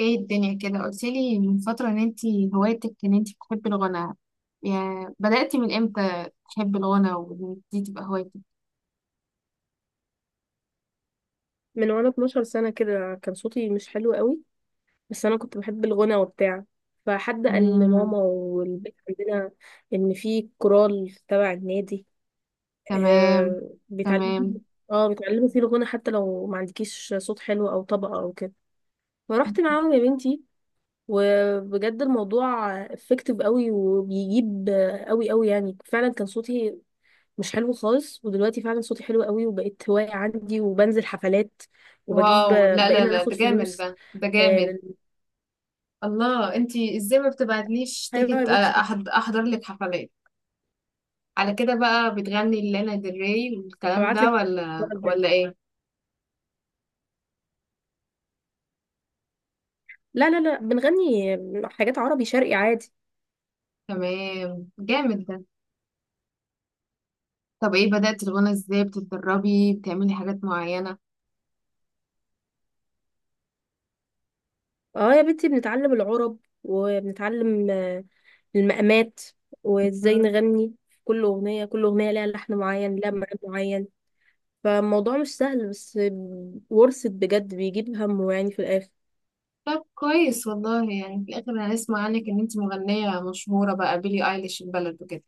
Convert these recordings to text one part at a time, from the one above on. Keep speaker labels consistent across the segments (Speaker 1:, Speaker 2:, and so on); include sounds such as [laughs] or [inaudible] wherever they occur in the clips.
Speaker 1: ايه الدنيا كده؟ قلتلي من فترة ان انتي هوايتك ان انتي بتحبي الغنى، يعني بدأتي من امتى تحبي الغنى وان دي تبقى هوايتك؟
Speaker 2: من وانا 12 سنة كده كان صوتي مش حلو قوي، بس انا كنت بحب الغنى وبتاع. فحد قال
Speaker 1: مم.
Speaker 2: لماما والبيت عندنا ان في كورال تبع النادي.
Speaker 1: تمام.
Speaker 2: آه بيتعلموا
Speaker 1: تمام.
Speaker 2: فيه- اه بيتعلموا فيه الغنى حتى لو ما عندكيش صوت حلو او طبقة او كده. فرحت معاهم يا بنتي، وبجد الموضوع افكتيف قوي وبيجيب قوي قوي، يعني فعلا كان صوتي مش حلو خالص، ودلوقتي فعلا صوتي حلو قوي وبقيت هواية عندي وبنزل حفلات وبجيب،
Speaker 1: واو! لا لا
Speaker 2: بقينا
Speaker 1: لا، ده
Speaker 2: ناخد
Speaker 1: جامد،
Speaker 2: فلوس.
Speaker 1: ده
Speaker 2: آه
Speaker 1: جامد.
Speaker 2: لل...
Speaker 1: الله! انتي ازاي ما بتبعتليش
Speaker 2: ايوه أيوة، يا
Speaker 1: تيكت؟
Speaker 2: بنتي،
Speaker 1: احضر لك حفلات. على كده بقى بتغني لانا ديل ري والكلام
Speaker 2: هبعت
Speaker 1: ده
Speaker 2: لك
Speaker 1: ولا
Speaker 2: المرة الجاية.
Speaker 1: ولا ايه؟
Speaker 2: لا لا لا، بنغني حاجات عربي شرقي عادي.
Speaker 1: تمام. جامد ده. طب ايه؟ بدأتي الغنى ازاي؟ بتتدربي؟ بتعملي حاجات معينة؟
Speaker 2: اه يا بنتي، بنتعلم العرب وبنتعلم المقامات وازاي نغني. كل اغنية كل اغنية لها لحن معين لها مقام معين، فالموضوع مش سهل، بس ورثت بجد بيجيب همه يعني في الاخر.
Speaker 1: طب كويس والله، يعني في الآخر هنسمع عنك إن أنت مغنية مشهورة بقى، بيلي أيليش البلد وكده.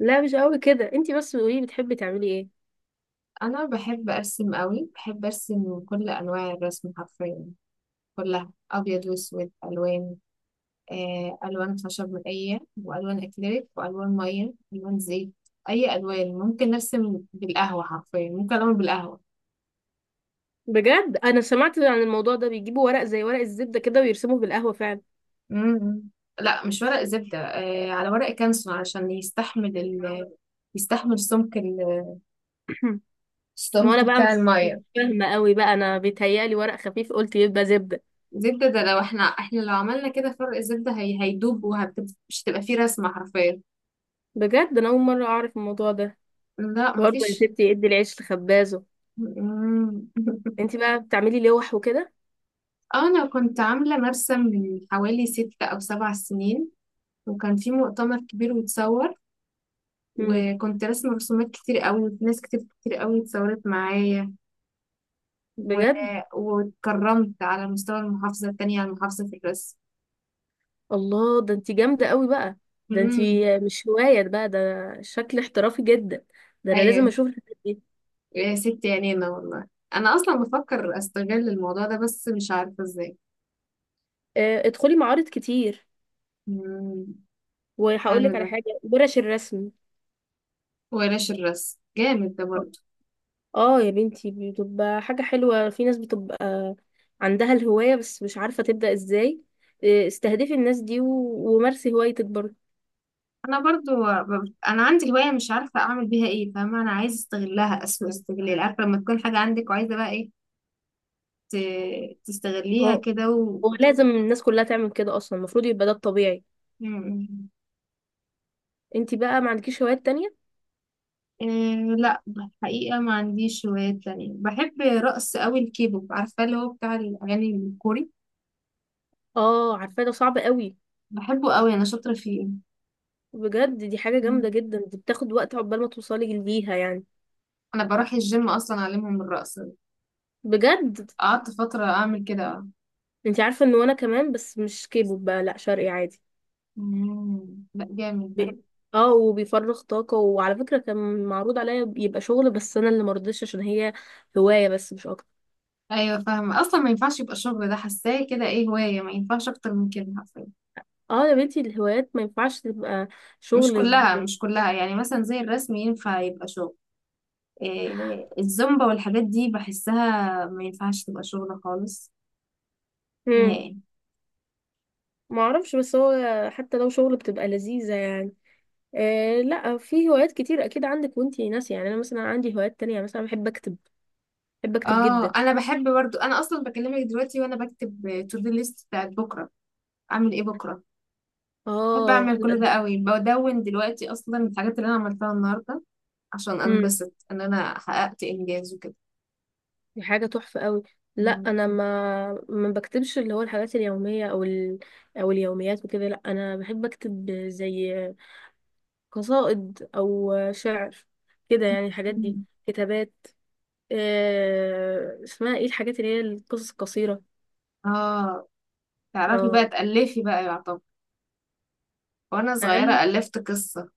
Speaker 2: لا مش قوي كده، انتي بس قولي بتحبي تعملي ايه.
Speaker 1: أنا بحب أرسم قوي، بحب أرسم كل أنواع الرسم حرفيا. كلها أبيض وأسود، ألوان. ألوان خشب مائية، وألوان أكريليك، وألوان مية، ألوان زيت. أي ألوان. ممكن أرسم بالقهوة حرفيا، ممكن أعمل بالقهوة.
Speaker 2: بجد انا سمعت عن الموضوع ده، بيجيبوا ورق زي ورق الزبده كده ويرسموه بالقهوه فعلا.
Speaker 1: امم. لا، مش ورق زبدة، على ورق كانسون علشان يستحمل ال يستحمل سمك
Speaker 2: [clears throat] ما هو انا
Speaker 1: السمك
Speaker 2: بقى
Speaker 1: بتاع
Speaker 2: مش
Speaker 1: المية.
Speaker 2: فاهمه قوي بقى، انا بيتهيألي ورق خفيف قلت يبقى زبده.
Speaker 1: زبدة ده لو احنا لو عملنا كده، فرق الزبدة هي هيدوب ومش هتبقى فيه رسمة حرفيا.
Speaker 2: بجد انا اول مره اعرف الموضوع ده.
Speaker 1: لا،
Speaker 2: برضه يا
Speaker 1: مفيش.
Speaker 2: ستي ادي العيش لخبازه.
Speaker 1: مم.
Speaker 2: انت بقى بتعملي لوح وكده.
Speaker 1: [laughs] انا كنت عاملة مرسم من حوالي 6 أو 7 سنين، وكان في مؤتمر كبير واتصور.
Speaker 2: امم.
Speaker 1: وكنت رسمة رسومات كتير قوي، وناس كتير كتير قوي اتصورت معايا. و...
Speaker 2: بجد
Speaker 1: واتكرمت على مستوى المحافظة، التانية على المحافظة في الرسم.
Speaker 2: الله ده انت جامده قوي بقى. ده انت
Speaker 1: مم.
Speaker 2: مش هوايه بقى ده، شكل احترافي جدا. ده انا لازم
Speaker 1: ايوه.
Speaker 2: اشوف الحاجات دي.
Speaker 1: يا ست عينينا والله. انا اصلا بفكر استغل الموضوع ده، بس مش عارفة ازاي.
Speaker 2: ادخلي معارض كتير،
Speaker 1: مم.
Speaker 2: وهقول
Speaker 1: حلو
Speaker 2: لك على
Speaker 1: ده.
Speaker 2: حاجه، ورش الرسم.
Speaker 1: ورش الرسم جامد ده برضو.
Speaker 2: اه يا بنتي بتبقى حاجة حلوة، في ناس بتبقى عندها الهواية بس مش عارفة تبدأ ازاي. استهدفي الناس دي ومارسي هوايتك برضه.
Speaker 1: انا برضو انا عندي هوايه مش عارفه اعمل بيها ايه، فاهمه؟ انا عايزه استغلها اسوء استغلال، عارفه؟ لما تكون حاجه عندك وعايزه بقى ايه،
Speaker 2: هو
Speaker 1: تستغليها كده
Speaker 2: هو لازم الناس كلها تعمل كده، اصلا المفروض يبقى ده الطبيعي.
Speaker 1: مم.
Speaker 2: انتي بقى ما عندكيش هوايات تانية؟
Speaker 1: إيه؟ لا، الحقيقه ما عنديش هوايات تانية. بحب رقص قوي، الكيبوب، عارفه؟ اللي هو بتاع الاغاني الكوري.
Speaker 2: اه عارفة، ده صعب قوي.
Speaker 1: بحبه قوي، انا شاطره فيه.
Speaker 2: بجد دي حاجة جامدة
Speaker 1: مم.
Speaker 2: جدا، دي بتاخد وقت عقبال ما توصلي ليها يعني.
Speaker 1: انا بروح الجيم اصلا اعلمهم الرقص.
Speaker 2: بجد
Speaker 1: قعدت فتره اعمل كده.
Speaker 2: انتي عارفة ان وانا كمان، بس مش كيبو بقى، لا شرقي عادي.
Speaker 1: مم. لا، جامد ده.
Speaker 2: ب- اه وبيفرغ طاقة، وعلى فكرة كان معروض عليا يبقى شغل بس انا اللي مرضتش، عشان هي هواية بس مش اكتر.
Speaker 1: ايوه، فاهمه، اصلا ما ينفعش يبقى الشغل ده. حاساه كده ايه، هوايه ما ينفعش اكتر من كده حرفيا.
Speaker 2: اه يا بنتي الهوايات ما ينفعش تبقى
Speaker 1: مش
Speaker 2: شغل.
Speaker 1: كلها مش كلها يعني مثلا زي الرسم ينفع يبقى شغل. إيه الزومبا والحاجات دي، بحسها ما ينفعش تبقى شغل خالص.
Speaker 2: امم
Speaker 1: نهائي.
Speaker 2: ما اعرفش، بس هو حتى لو شغل بتبقى لذيذة يعني. آه لا، في هوايات كتير اكيد عندك وانتي ناسية، يعني انا مثلا عندي هوايات تانية، يعني مثلا بحب اكتب، بحب اكتب
Speaker 1: اه،
Speaker 2: جدا.
Speaker 1: انا بحب برضو. انا اصلا بكلمك دلوقتي وانا بكتب تو دو ليست بتاعت بكره. اعمل ايه بكره؟ بحب
Speaker 2: اه
Speaker 1: اعمل كل ده قوي، بدون دلوقتي اصلا الحاجات اللي انا عملتها النهارده، عشان
Speaker 2: لا
Speaker 1: انبسط ان انا حققت انجاز وكده.
Speaker 2: دي حاجة تحفة قوي. لا انا ما بكتبش اللي هو الحاجات اليومية او او اليوميات وكده، لا انا بحب اكتب زي قصائد او شعر كده يعني، الحاجات دي
Speaker 1: مم.
Speaker 2: كتابات. اسمها ايه الحاجات اللي هي القصص القصيرة؟
Speaker 1: اه. تعرفي بقى
Speaker 2: اه.
Speaker 1: تألفي بقى يعتبر؟ وأنا
Speaker 2: اقل؟
Speaker 1: صغيرة ألفت قصة.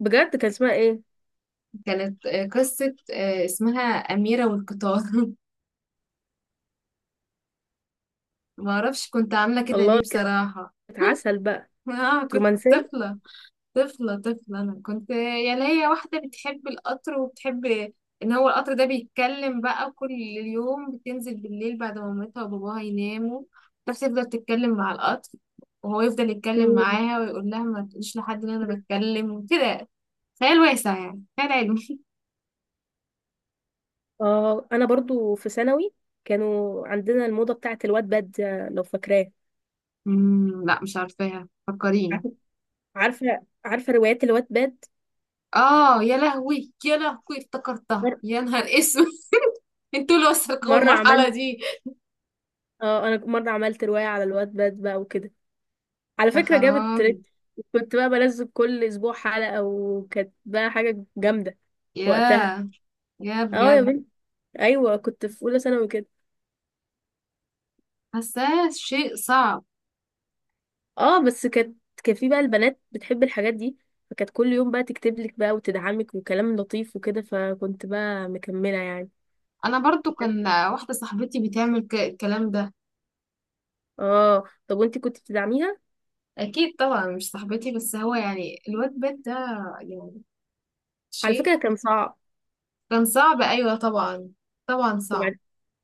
Speaker 2: بجد كان اسمها ايه؟
Speaker 1: كانت قصة اسمها أميرة والقطار. [laughs] معرفش كنت عاملة كده ليه
Speaker 2: الله كانت
Speaker 1: بصراحة.
Speaker 2: عسل بقى،
Speaker 1: [laughs] كنت
Speaker 2: رومانسية.
Speaker 1: طفلة. طفلة طفلة، أنا كنت يعني هي واحدة بتحب القطر، وبتحب إن هو القطر ده بيتكلم. بقى كل يوم بتنزل بالليل بعد ما مامتها وباباها يناموا، بس تفضل تتكلم مع القطر، وهو يفضل يتكلم
Speaker 2: مم.
Speaker 1: معاها ويقول لها ما تقوليش لحد إن أنا بتكلم وكده. خيال واسع، يعني خيال علمي.
Speaker 2: اه انا برضو في ثانوي كانوا عندنا الموضة بتاعت الواد باد، لو فاكراه.
Speaker 1: مم. لا، مش عارفاها، فكريني.
Speaker 2: عارفة عارفة، روايات الواتباد باد.
Speaker 1: اه! يا لهوي، يا لهوي، افتكرتها!
Speaker 2: مر...
Speaker 1: يا نهار اسود! [laughs] انتوا اللي وصلكم
Speaker 2: مرة
Speaker 1: المرحلة
Speaker 2: عملت
Speaker 1: دي؟
Speaker 2: اه انا مرة عملت رواية على الواتباد باد بقى وكده، على
Speaker 1: يا
Speaker 2: فكرة جابت
Speaker 1: خرابي!
Speaker 2: تريت. كنت بقى بنزل كل اسبوع حلقة، وكانت بقى حاجة جامدة وقتها.
Speaker 1: يا يا
Speaker 2: اه يا
Speaker 1: بجد!
Speaker 2: بنت. ايوه كنت في اولى ثانوي كده.
Speaker 1: حاساه شيء صعب.
Speaker 2: اه بس كانت كان في بقى البنات بتحب الحاجات دي، فكانت كل يوم بقى تكتب لك بقى وتدعمك وكلام لطيف وكده، فكنت بقى مكملة يعني.
Speaker 1: انا برضو كان واحدة صاحبتي بتعمل الكلام ده.
Speaker 2: اه طب وانتي كنت بتدعميها؟
Speaker 1: اكيد طبعا، مش صاحبتي بس، هو يعني الواد بيت ده، يعني
Speaker 2: على
Speaker 1: شيء.
Speaker 2: فكرة كان صعب.
Speaker 1: كان صعب، ايوه طبعا. طبعا صعب.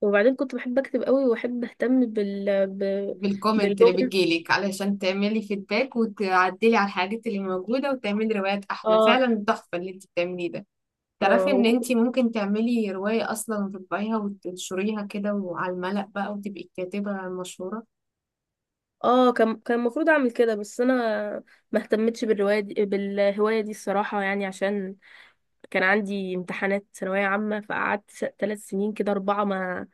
Speaker 2: وبعدين كنت بحب اكتب قوي واحب اهتم
Speaker 1: بالكومنت اللي
Speaker 2: باللغه.
Speaker 1: بتجيلك علشان تعملي فيدباك، وتعدلي على الحاجات اللي موجودة، وتعملي روايات أحلى.
Speaker 2: اه
Speaker 1: فعلا تحفة اللي انت بتعمليه ده.
Speaker 2: اه
Speaker 1: تعرفي ان
Speaker 2: وكنت،
Speaker 1: انت ممكن تعملي رواية أصلا، وتطبعيها وتنشريها كده وعلى الملأ بقى، وتبقي الكاتبة المشهورة.
Speaker 2: اه كان المفروض اعمل كده، بس انا ما اهتمتش بالروايه دي بالهوايه دي الصراحه، يعني عشان كان عندي امتحانات ثانويه عامه، فقعدت ثلاث سنين كده اربعه، ما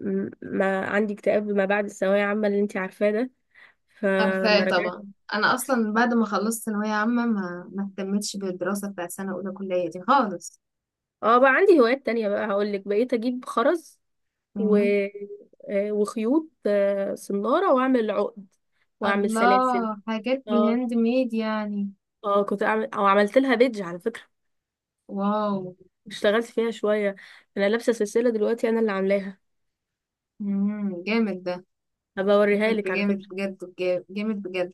Speaker 2: م- ما عندي اكتئاب ما بعد الثانويه عامه اللي انت عارفاه ده، فما
Speaker 1: عارفاه
Speaker 2: رجعت.
Speaker 1: طبعا. أنا أصلا بعد ما خلصت ثانوية عامة ما اهتمتش بالدراسة بتاع سنة أولى كلية دي خالص.
Speaker 2: اه بقى عندي هوايات تانية، بقى هقول لك، بقيت اجيب خرز و...
Speaker 1: مم.
Speaker 2: آه، وخيوط صنارة واعمل عقد واعمل سلاسل.
Speaker 1: الله، حاجات
Speaker 2: اه
Speaker 1: بالهاند ميد يعني؟
Speaker 2: اه كنت اعمل او عملت لها بيدج على فكرة،
Speaker 1: واو!
Speaker 2: اشتغلت فيها شوية. انا لابسة سلسلة دلوقتي انا اللي عاملاها،
Speaker 1: مم. جامد ده.
Speaker 2: هبقى اوريها
Speaker 1: جامد
Speaker 2: لك على
Speaker 1: بجامد،
Speaker 2: فكرة.
Speaker 1: بجد. جامد بجد.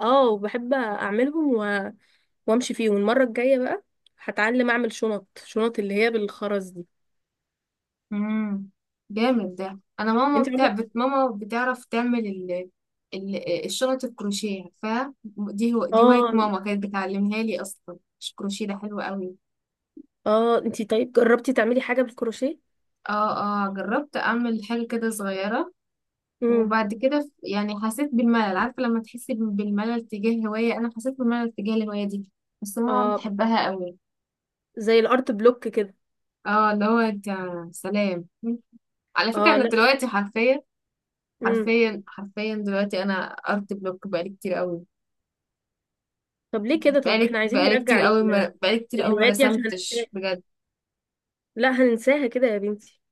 Speaker 2: اه وبحب اعملهم وامشي فيهم. المرة الجاية بقى هتعلم اعمل شنط، شنط اللي هي بالخرز دي.
Speaker 1: امم. جامد ده. انا ماما
Speaker 2: انت عملت؟
Speaker 1: ماما بتعرف تعمل الشنط الكروشيه، عارفاها دي؟
Speaker 2: [laughs]
Speaker 1: دي هوايه
Speaker 2: اه.
Speaker 1: ماما كانت بتعلمها لي اصلا. مش الكروشيه ده حلو قوي؟
Speaker 2: اه انت طيب جربتي تعملي حاجة بالكروشيه؟
Speaker 1: اه، اه، جربت اعمل حاجه كده صغيره.
Speaker 2: امم
Speaker 1: وبعد كده يعني حسيت بالملل. عارفه لما تحسي بالملل تجاه هوايه، انا حسيت بالملل تجاه الهوايه دي. بس ماما
Speaker 2: اه
Speaker 1: بتحبها قوي.
Speaker 2: زي الارت بلوك كده.
Speaker 1: اه، اللي هو انت. سلام. على فكره
Speaker 2: اه
Speaker 1: انا
Speaker 2: لا
Speaker 1: دلوقتي حرفيا،
Speaker 2: امم.
Speaker 1: حرفيا حرفيا دلوقتي انا ارت بلوك بقالي كتير قوي.
Speaker 2: طب ليه كده، طب احنا
Speaker 1: بقالي
Speaker 2: عايزين
Speaker 1: بقالي كتير
Speaker 2: نرجع
Speaker 1: قوي، ما بقالي كتير قوي ما
Speaker 2: الهوايات دي عشان هننساها،
Speaker 1: رسمتش بجد.
Speaker 2: لا هننساها كده يا بنتي.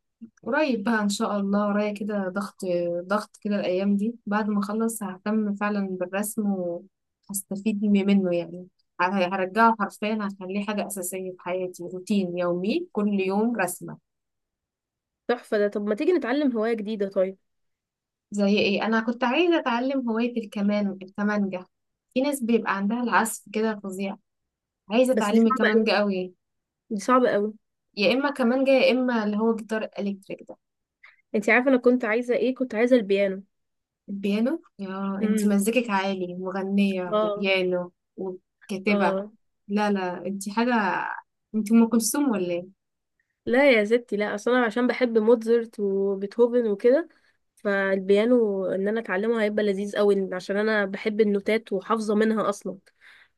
Speaker 1: قريب بقى ان شاء الله، ورايا كده ضغط. ضغط كده الايام دي، بعد ما اخلص ههتم فعلا بالرسم وهستفيد منه يعني. ه- هرجعه حرفيا، هخليه حاجة أساسية في حياتي، روتين يومي، كل يوم رسمة.
Speaker 2: تحفة ده، طب ما تيجي نتعلم هواية جديدة طيب.
Speaker 1: زي إيه؟ أنا كنت عايزة أتعلم هواية الكمان، الكمانجة. في ناس بيبقى عندها العزف كده فظيع. عايزة
Speaker 2: بس دي
Speaker 1: أتعلم
Speaker 2: صعبة
Speaker 1: الكمانجة
Speaker 2: قوي،
Speaker 1: قوي.
Speaker 2: دي صعبة قوي.
Speaker 1: يا إما كمانجة، يا إما اللي هو جيتار إلكتريك ده.
Speaker 2: انت عارفة انا كنت عايزة ايه؟ كنت عايزة البيانو.
Speaker 1: البيانو؟ يا انت
Speaker 2: امم
Speaker 1: مزيكك عالي، مغنية
Speaker 2: اه
Speaker 1: وبيانو وكاتبة.
Speaker 2: اه.
Speaker 1: لا لا، انت حاجة. انت ام كلثوم ولا ايه؟
Speaker 2: لا يا ستي، لا اصل انا عشان بحب موتزارت وبيتهوفن وكده، فالبيانو ان انا اتعلمه هيبقى لذيذ قوي، عشان انا بحب النوتات وحافظه منها اصلا،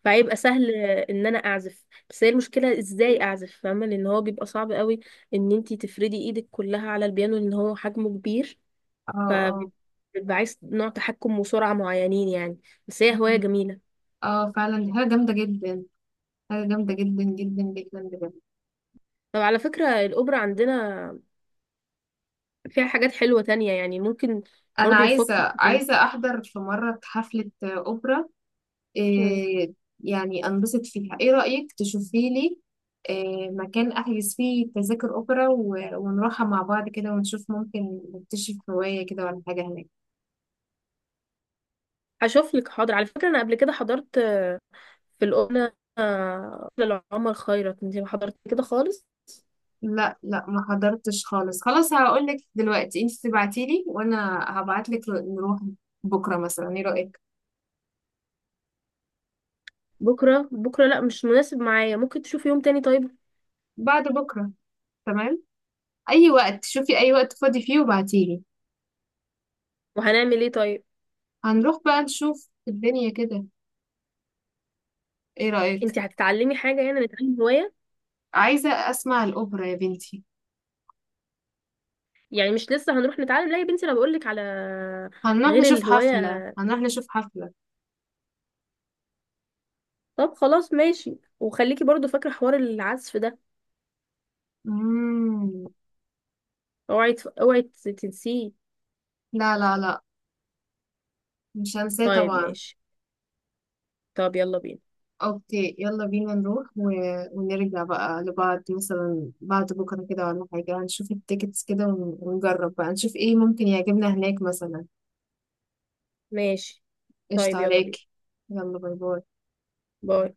Speaker 2: فهيبقى سهل ان انا اعزف. بس هي المشكله ازاي اعزف، فاهمه، لان هو بيبقى صعب قوي ان انتي تفردي ايدك كلها على البيانو لان هو حجمه كبير،
Speaker 1: اه، اه،
Speaker 2: فبيبقى عايز نوع تحكم وسرعه معينين يعني. بس هي هوايه جميله.
Speaker 1: اه، فعلا دي حاجة جامدة جدا. حاجة جامدة جدا جدا جدا، بجد.
Speaker 2: طب على فكره الاوبرا عندنا فيها حاجات حلوه تانية يعني، ممكن
Speaker 1: انا
Speaker 2: برضو نفكر.
Speaker 1: عايزة احضر في مرة حفلة اوبرا. إيه. يعني انبسط فيها. ايه رأيك تشوفي لي إيه مكان احجز فيه تذاكر اوبرا، ونروحها مع بعض كده ونشوف ممكن نكتشف هواية كده ولا حاجة هناك؟
Speaker 2: هشوف لك حاضر. على فكرة انا قبل كده حضرت في القناة لعمر خيرت، انت ما حضرت كده خالص؟
Speaker 1: لا، لا، ما حضرتش خالص. خلاص هقول لك دلوقتي، انت تبعتي لي وانا هبعت لك، نروح. بكره مثلا، ايه رايك؟
Speaker 2: بكرة؟ بكرة لا مش مناسب معايا، ممكن تشوفي يوم تاني طيب.
Speaker 1: بعد بكره. تمام. اي وقت، شوفي اي وقت فاضي فيه وبعتي لي.
Speaker 2: وهنعمل ايه طيب؟
Speaker 1: هنروح بقى نشوف الدنيا كده. ايه
Speaker 2: انت
Speaker 1: رايك؟
Speaker 2: هتتعلمي حاجة؟ يعني نتعلم هواية
Speaker 1: عايزه اسمع الاوبرا يا بنتي.
Speaker 2: يعني، مش لسه هنروح نتعلم، لا يا بنتي انا بقولك على
Speaker 1: هنروح
Speaker 2: غير
Speaker 1: نشوف حفله،
Speaker 2: الهواية.
Speaker 1: هنروح نشوف حفله.
Speaker 2: طب خلاص ماشي، وخليكي برضو فاكرة حوار العزف ده،
Speaker 1: امم.
Speaker 2: اوعي تنسيه.
Speaker 1: لا، لا، لا، مش هنساه
Speaker 2: طيب
Speaker 1: طبعا.
Speaker 2: ماشي، طب يلا بينا.
Speaker 1: اوكي، يلا بينا نروح ونرجع بقى لبعض مثلا بعد بكرة كده ولا حاجة، نشوف التيكتس كده ونجرب بقى نشوف ايه ممكن يعجبنا هناك مثلا.
Speaker 2: ماشي
Speaker 1: قشطة
Speaker 2: طيب يلا
Speaker 1: عليك.
Speaker 2: بينا.
Speaker 1: يلا، باي باي.
Speaker 2: باي.